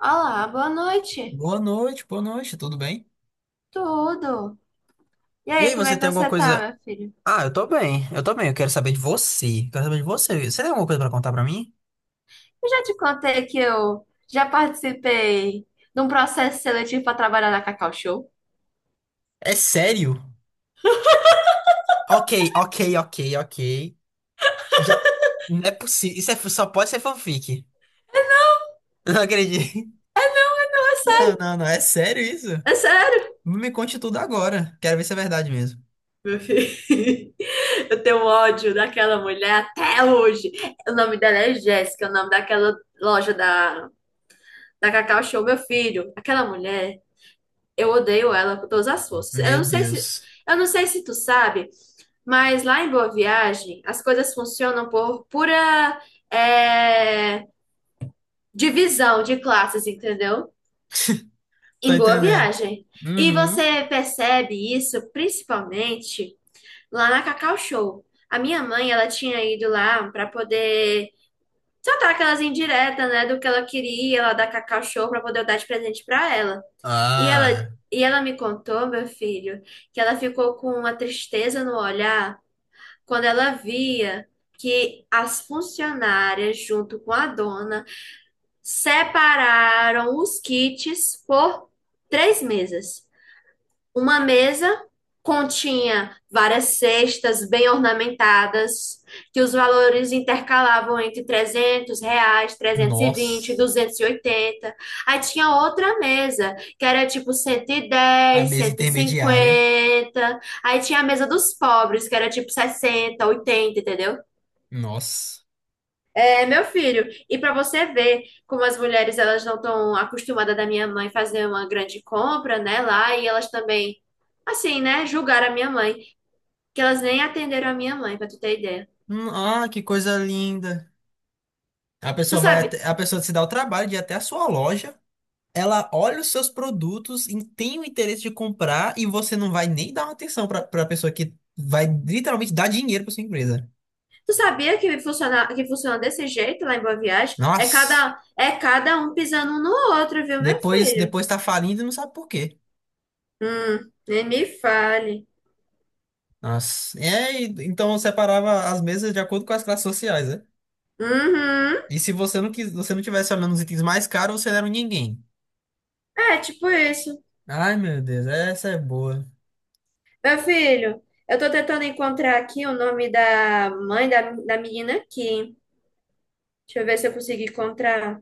Olá, boa noite. Boa noite, tudo bem? Tudo. E E aí, aí, como é você que tem alguma você tá, coisa? meu filho? Ah, eu tô bem, eu tô bem. Eu quero saber de você. Quero saber de você. Você tem alguma coisa pra contar pra mim? Eu já te contei que eu já participei de um processo seletivo para trabalhar na Cacau Show. É sério? Ok, ok, ok, ok. Já. Não é possível. Isso é só pode ser fanfic. Não acredito. Não, não, não, é sério isso? É sério, Me conte tudo agora. Quero ver se é verdade mesmo. meu filho. Eu tenho ódio daquela mulher até hoje. O nome dela é Jéssica, o nome daquela loja da Cacau Show, meu filho. Aquela mulher, eu odeio ela com todas as forças. Eu Meu não sei se, Deus. eu não sei se tu sabe. Mas lá em Boa Viagem, as coisas funcionam por pura é, divisão de classes, entendeu? Tô Em Boa entendendo. Viagem. E Uhum. você percebe isso principalmente lá na Cacau Show. A minha mãe, ela tinha ido lá para poder soltar aquelas indiretas, né, do que ela queria lá da Cacau Show para poder eu dar de presente para ela. E ela Ah, e ela me contou, meu filho, que ela ficou com uma tristeza no olhar quando ela via que as funcionárias, junto com a dona, separaram os kits por três mesas. Uma mesa continha várias cestas bem ornamentadas, que os valores intercalavam entre R$ 300, 320, nossa, 280. Aí tinha outra mesa, que era tipo cento e a dez, mesa cento e intermediária. cinquenta. Aí tinha a mesa dos pobres, que era tipo 60, 80, entendeu? Nossa. É, meu filho. E para você ver como as mulheres elas não estão acostumadas da minha mãe fazer uma grande compra, né, lá, e elas também, assim, né, julgaram a minha mãe, que elas nem atenderam a minha mãe, para tu ter ideia. Ah, que coisa linda. Tu sabe, A pessoa se dá o trabalho de ir até a sua loja, ela olha os seus produtos e tem o interesse de comprar e você não vai nem dar uma atenção para a pessoa que vai literalmente dar dinheiro para sua empresa. tu sabia que funciona desse jeito lá em Boa Viagem? É Nossa, cada, é cada um pisando um no outro, viu, meu depois filho? depois tá falindo e não sabe por quê. Nem me fale. Nossa, é, então eu separava as mesas de acordo com as classes sociais, né? Uhum. E se você não quis, você não tivesse olhando os itens mais caros, você não era um ninguém. É, tipo isso. Ai, meu Deus, essa é boa. Meu filho, eu tô tentando encontrar aqui o nome da mãe da menina aqui. Deixa eu ver se eu consigo encontrar.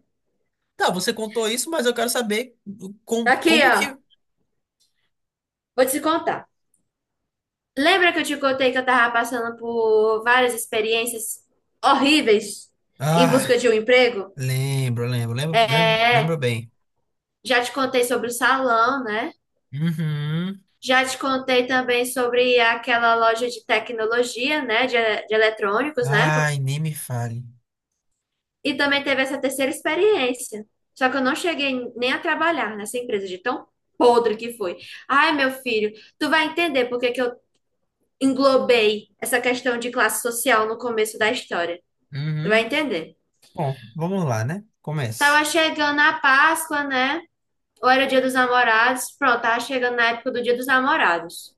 Tá, você contou isso, mas eu quero saber Tá aqui, como ó. que. Vou te contar. Lembra que eu te contei que eu tava passando por várias experiências horríveis em Ah. busca de um emprego? Lembro, lembro, lembro, lembro, É, lembro bem. já te contei sobre o salão, né? Uhum, Já te contei também sobre aquela loja de tecnologia, né? De eletrônicos, né? ai, nem me fale. E também teve essa terceira experiência. Só que eu não cheguei nem a trabalhar nessa empresa de tão podre que foi. Ai, meu filho, tu vai entender por que que eu englobei essa questão de classe social no começo da história. Tu vai Uhum. entender. Bom, vamos lá, né? Comece. Tava chegando a Páscoa, né? Ou era o Dia dos Namorados? Pronto, tava chegando na época do Dia dos Namorados.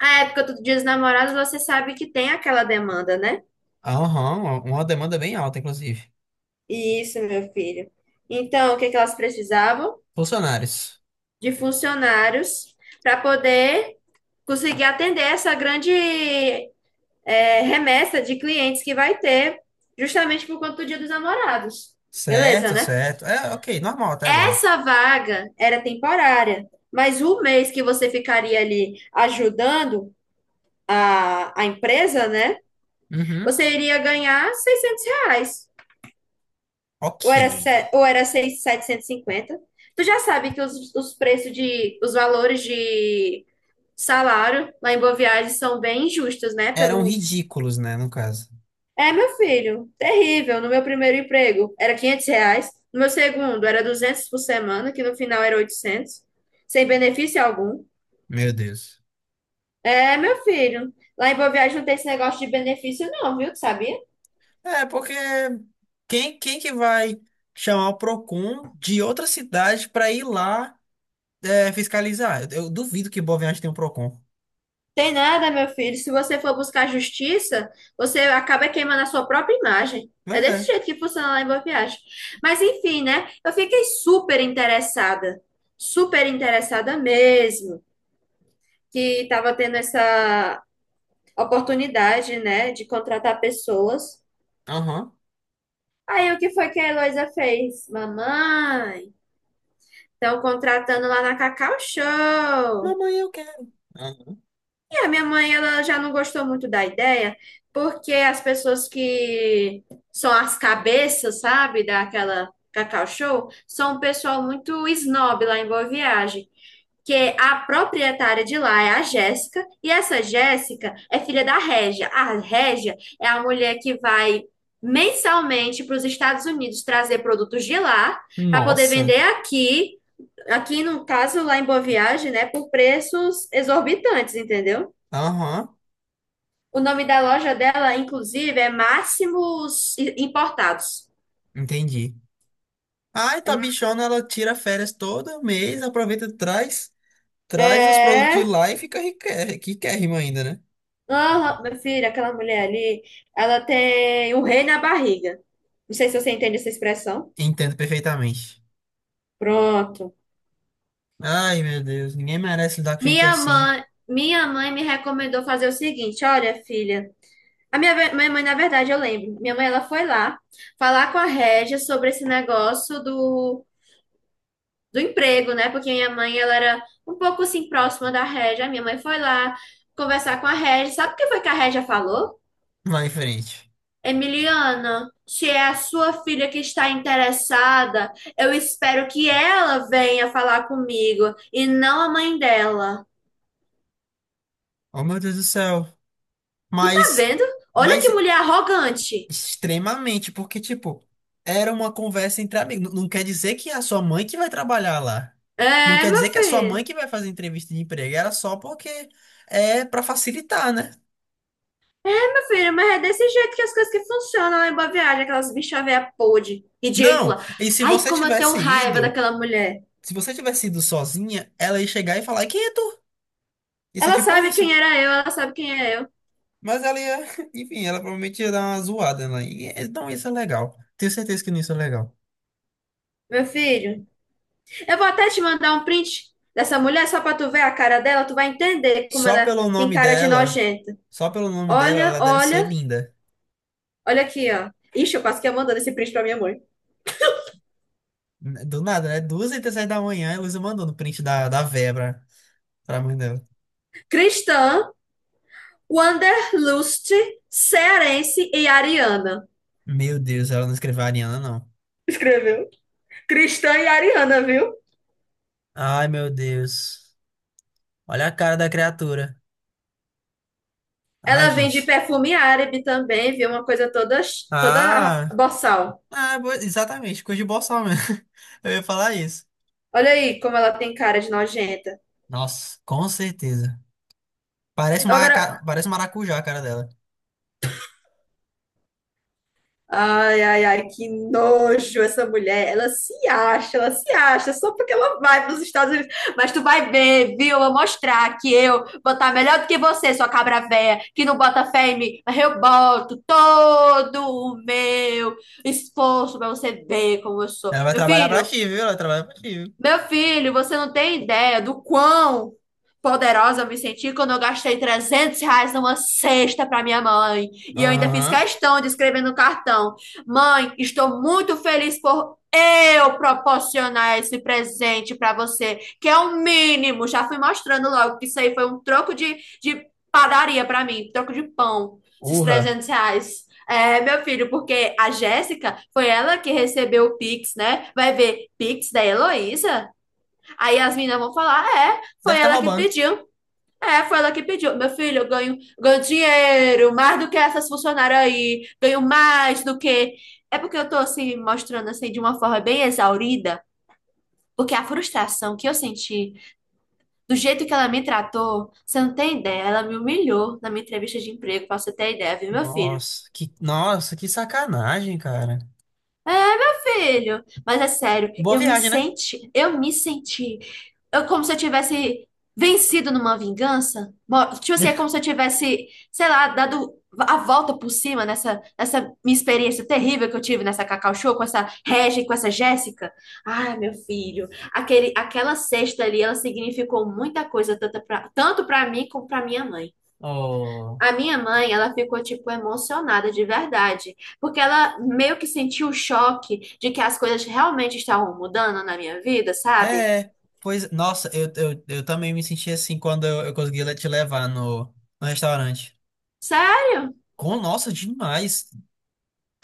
A época do Dia dos Namorados, você sabe que tem aquela demanda, né? Aham, uma demanda bem alta, inclusive. Isso, meu filho. Então, o que que elas precisavam? Funcionários. De funcionários para poder conseguir atender essa grande remessa de clientes que vai ter, justamente por conta do Dia dos Namorados. Beleza, Certo, né? certo. É, ok, normal até agora. Essa vaga era temporária, mas o mês que você ficaria ali ajudando a empresa, né? Uhum. Você iria ganhar R$ 600. Ou Ok. era, se- ou era 750. Tu já sabe que os valores de salário lá em Boa Viagem são bem injustos, né? Eram Pelo... ridículos, né, no caso. É, meu filho, terrível. No meu primeiro emprego era R$ 500. No meu segundo era 200 por semana, que no final era 800, sem benefício algum. Meu Deus. É, meu filho. Lá em Boa Viagem não tem esse negócio de benefício, não, viu? Tu sabia? É, porque quem que vai chamar o Procon de outra cidade pra ir lá, é, fiscalizar? Eu duvido que Boa Viagem tenha um Procon. Tem nada, meu filho. Se você for buscar justiça, você acaba queimando a sua própria imagem. É Pois é. desse jeito que funciona lá em Boa Viagem. Mas enfim, né? Eu fiquei super interessada mesmo, que estava tendo essa oportunidade, né, de contratar pessoas. Aham. Aí o que foi que a Heloísa fez? Mamãe, estão contratando lá na Cacau Show. Mamãe, eu quero. Aham. É, minha mãe ela já não gostou muito da ideia, porque as pessoas que são as cabeças, sabe, daquela Cacau Show, são um pessoal muito snob lá em Boa Viagem. Que a proprietária de lá é a Jéssica, e essa Jéssica é filha da Régia. A Régia é a mulher que vai mensalmente para os Estados Unidos trazer produtos de lá para poder Nossa. vender aqui, no caso lá em Boa Viagem, né, por preços exorbitantes, entendeu? Aham. O nome da loja dela, inclusive, é Máximos Importados. Entendi. Ai, tua bichona, ela tira férias todo mês, aproveita, traz, traz os produtos de É. lá e fica riquérrima riquérrima ainda, né? Aham, meu filho, aquela mulher ali, ela tem um rei na barriga. Não sei se você entende essa expressão. Entendo perfeitamente. Pronto. Ai, meu Deus, ninguém merece lidar com gente Minha assim. mãe, minha mãe me recomendou fazer o seguinte: olha, filha. Minha mãe, na verdade, eu lembro. Minha mãe, ela foi lá falar com a Régia sobre esse negócio do emprego, né? Porque minha mãe, ela era um pouco assim próxima da Régia. A minha mãe foi lá conversar com a Régia. Sabe o que foi que a Régia falou? Vai em frente. Emiliana, se é a sua filha que está interessada, eu espero que ela venha falar comigo e não a mãe dela. Oh, meu Deus do céu. Tu tá Mas, vendo? Olha mas que mulher arrogante. extremamente, porque, tipo, era uma conversa entre amigos. Não quer dizer que é a sua mãe que vai trabalhar lá. Não É, quer meu dizer que é a sua mãe filho. que vai fazer entrevista de emprego. Era só porque é pra facilitar, né? É, meu filho, mas é desse jeito que as coisas que funcionam lá em Boa Viagem, aquelas bichas véia podre, Não, ridícula. e se Ai, você como eu tenho tivesse raiva ido, daquela mulher. se você tivesse ido sozinha, ela ia chegar e falar, e quem é tu? Ia ser Ela tipo sabe isso. quem era eu, ela sabe quem é eu. Mas ela ia, enfim, ela provavelmente ia dar uma zoada lá. E então isso é legal. Tenho certeza que não isso é legal. Meu filho, eu vou até te mandar um print dessa mulher só pra tu ver a cara dela, tu vai entender como Só ela pelo tem nome cara de dela, nojenta. só pelo nome dela, Olha, ela deve ser olha, linda. olha aqui, ó. Ixi, eu quase que ia mandando esse print pra minha mãe. Do nada, né? Duas e 37 da manhã, a Luísa mandou no print da, da véia pra, pra mãe dela. Cristã, Wanderlust, Cearense e Ariana. Meu Deus, ela não escreveu a Ariana, não. Escreveu. Cristã e Ariana, viu? Ai, meu Deus. Olha a cara da criatura. Ai, Ela vende gente. perfume árabe também, viu? Uma coisa toda Ah, boçal. ah, exatamente, coisa de boçal mesmo. Eu ia falar isso. Olha aí como ela tem cara de nojenta. Nossa, com certeza. Parece Eu uma, agora, parece um maracujá a cara dela. Ai, ai, ai, que nojo essa mulher. Ela se acha, só porque ela vai para os Estados Unidos. Mas tu vai ver, viu? Eu vou mostrar que eu vou estar melhor do que você, sua cabra véia, que não bota fé em mim. Mas eu boto todo o meu esforço para você ver como eu sou. Ela vai Meu trabalhar pra filho, ti, viu? Ela trabalha pra ti, viu? meu filho, você não tem ideia do quão poderosa eu me senti quando eu gastei R$ 300 numa cesta para minha mãe. E eu ainda fiz Aham. questão de escrever no cartão: Mãe, estou muito feliz por eu proporcionar esse presente para você, que é o mínimo. Já fui mostrando logo que isso aí foi um troco de padaria para mim, troco de pão, esses Urra. R$ 300. É, meu filho, porque a Jéssica foi ela que recebeu o Pix, né? Vai ver Pix da Heloísa? Aí as meninas vão falar: é, Deve foi estar ela que roubando. pediu. É, foi ela que pediu. Meu filho, eu ganho dinheiro, mais do que essas funcionárias aí, ganho mais do que. É porque eu tô assim, mostrando assim de uma forma bem exaurida, porque a frustração que eu senti, do jeito que ela me tratou, você não tem ideia, ela me humilhou na minha entrevista de emprego, pra você ter ideia, viu, meu filho? Nossa, que sacanagem, cara. É, meu filho. Mas é sério, Boa eu me viagem, né? senti, eu me senti. Como se eu tivesse vencido numa vingança. Tipo assim, é como se eu tivesse, sei lá, dado a volta por cima nessa minha experiência terrível que eu tive nessa Cacau Show com essa Regia e com essa Jéssica. Ai, meu filho, aquela cesta ali, ela significou muita coisa, tanto pra mim como pra minha mãe. Oh, A minha mãe, ela ficou, tipo, emocionada de verdade, porque ela meio que sentiu o choque de que as coisas realmente estavam mudando na minha vida, sabe? é, pois, nossa, eu também me senti assim quando eu consegui te levar no, no restaurante. Sério? Com, nossa, demais.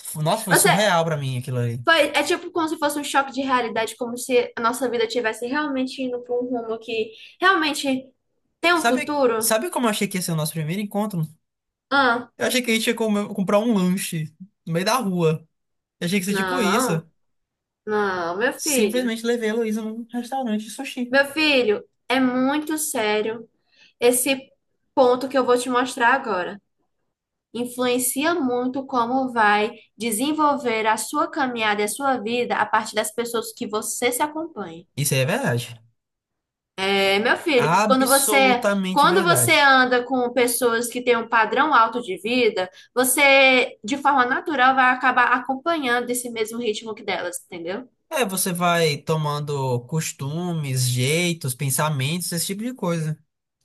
Nossa, foi Você surreal pra mim aquilo ali. é tipo como se fosse um choque de realidade, como se a nossa vida tivesse realmente indo para um rumo que realmente tem um Sabe, futuro? sabe como eu achei que ia ser o nosso primeiro encontro? Ah, Eu achei que a gente ia comprar um lanche no meio da rua. Eu achei que ia ser tipo isso. não, não, meu filho. Simplesmente levei a Heloísa num restaurante de sushi. Meu filho, é muito sério esse ponto que eu vou te mostrar agora. Influencia muito como vai desenvolver a sua caminhada e a sua vida a partir das pessoas que você se acompanha. Isso aí é verdade. É, meu filho, quando você Absolutamente quando você verdade. anda com pessoas que têm um padrão alto de vida, você de forma natural vai acabar acompanhando esse mesmo ritmo que delas, entendeu? É, você vai tomando costumes, jeitos, pensamentos, esse tipo de coisa.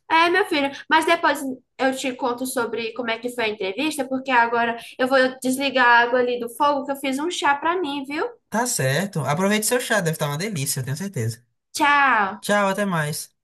É, meu filho, mas depois eu te conto sobre como é que foi a entrevista, porque agora eu vou desligar a água ali do fogo que eu fiz um chá pra mim, viu? Tá certo. Aproveite seu chá, deve estar uma delícia, eu tenho certeza. Tchau! Tchau, até mais.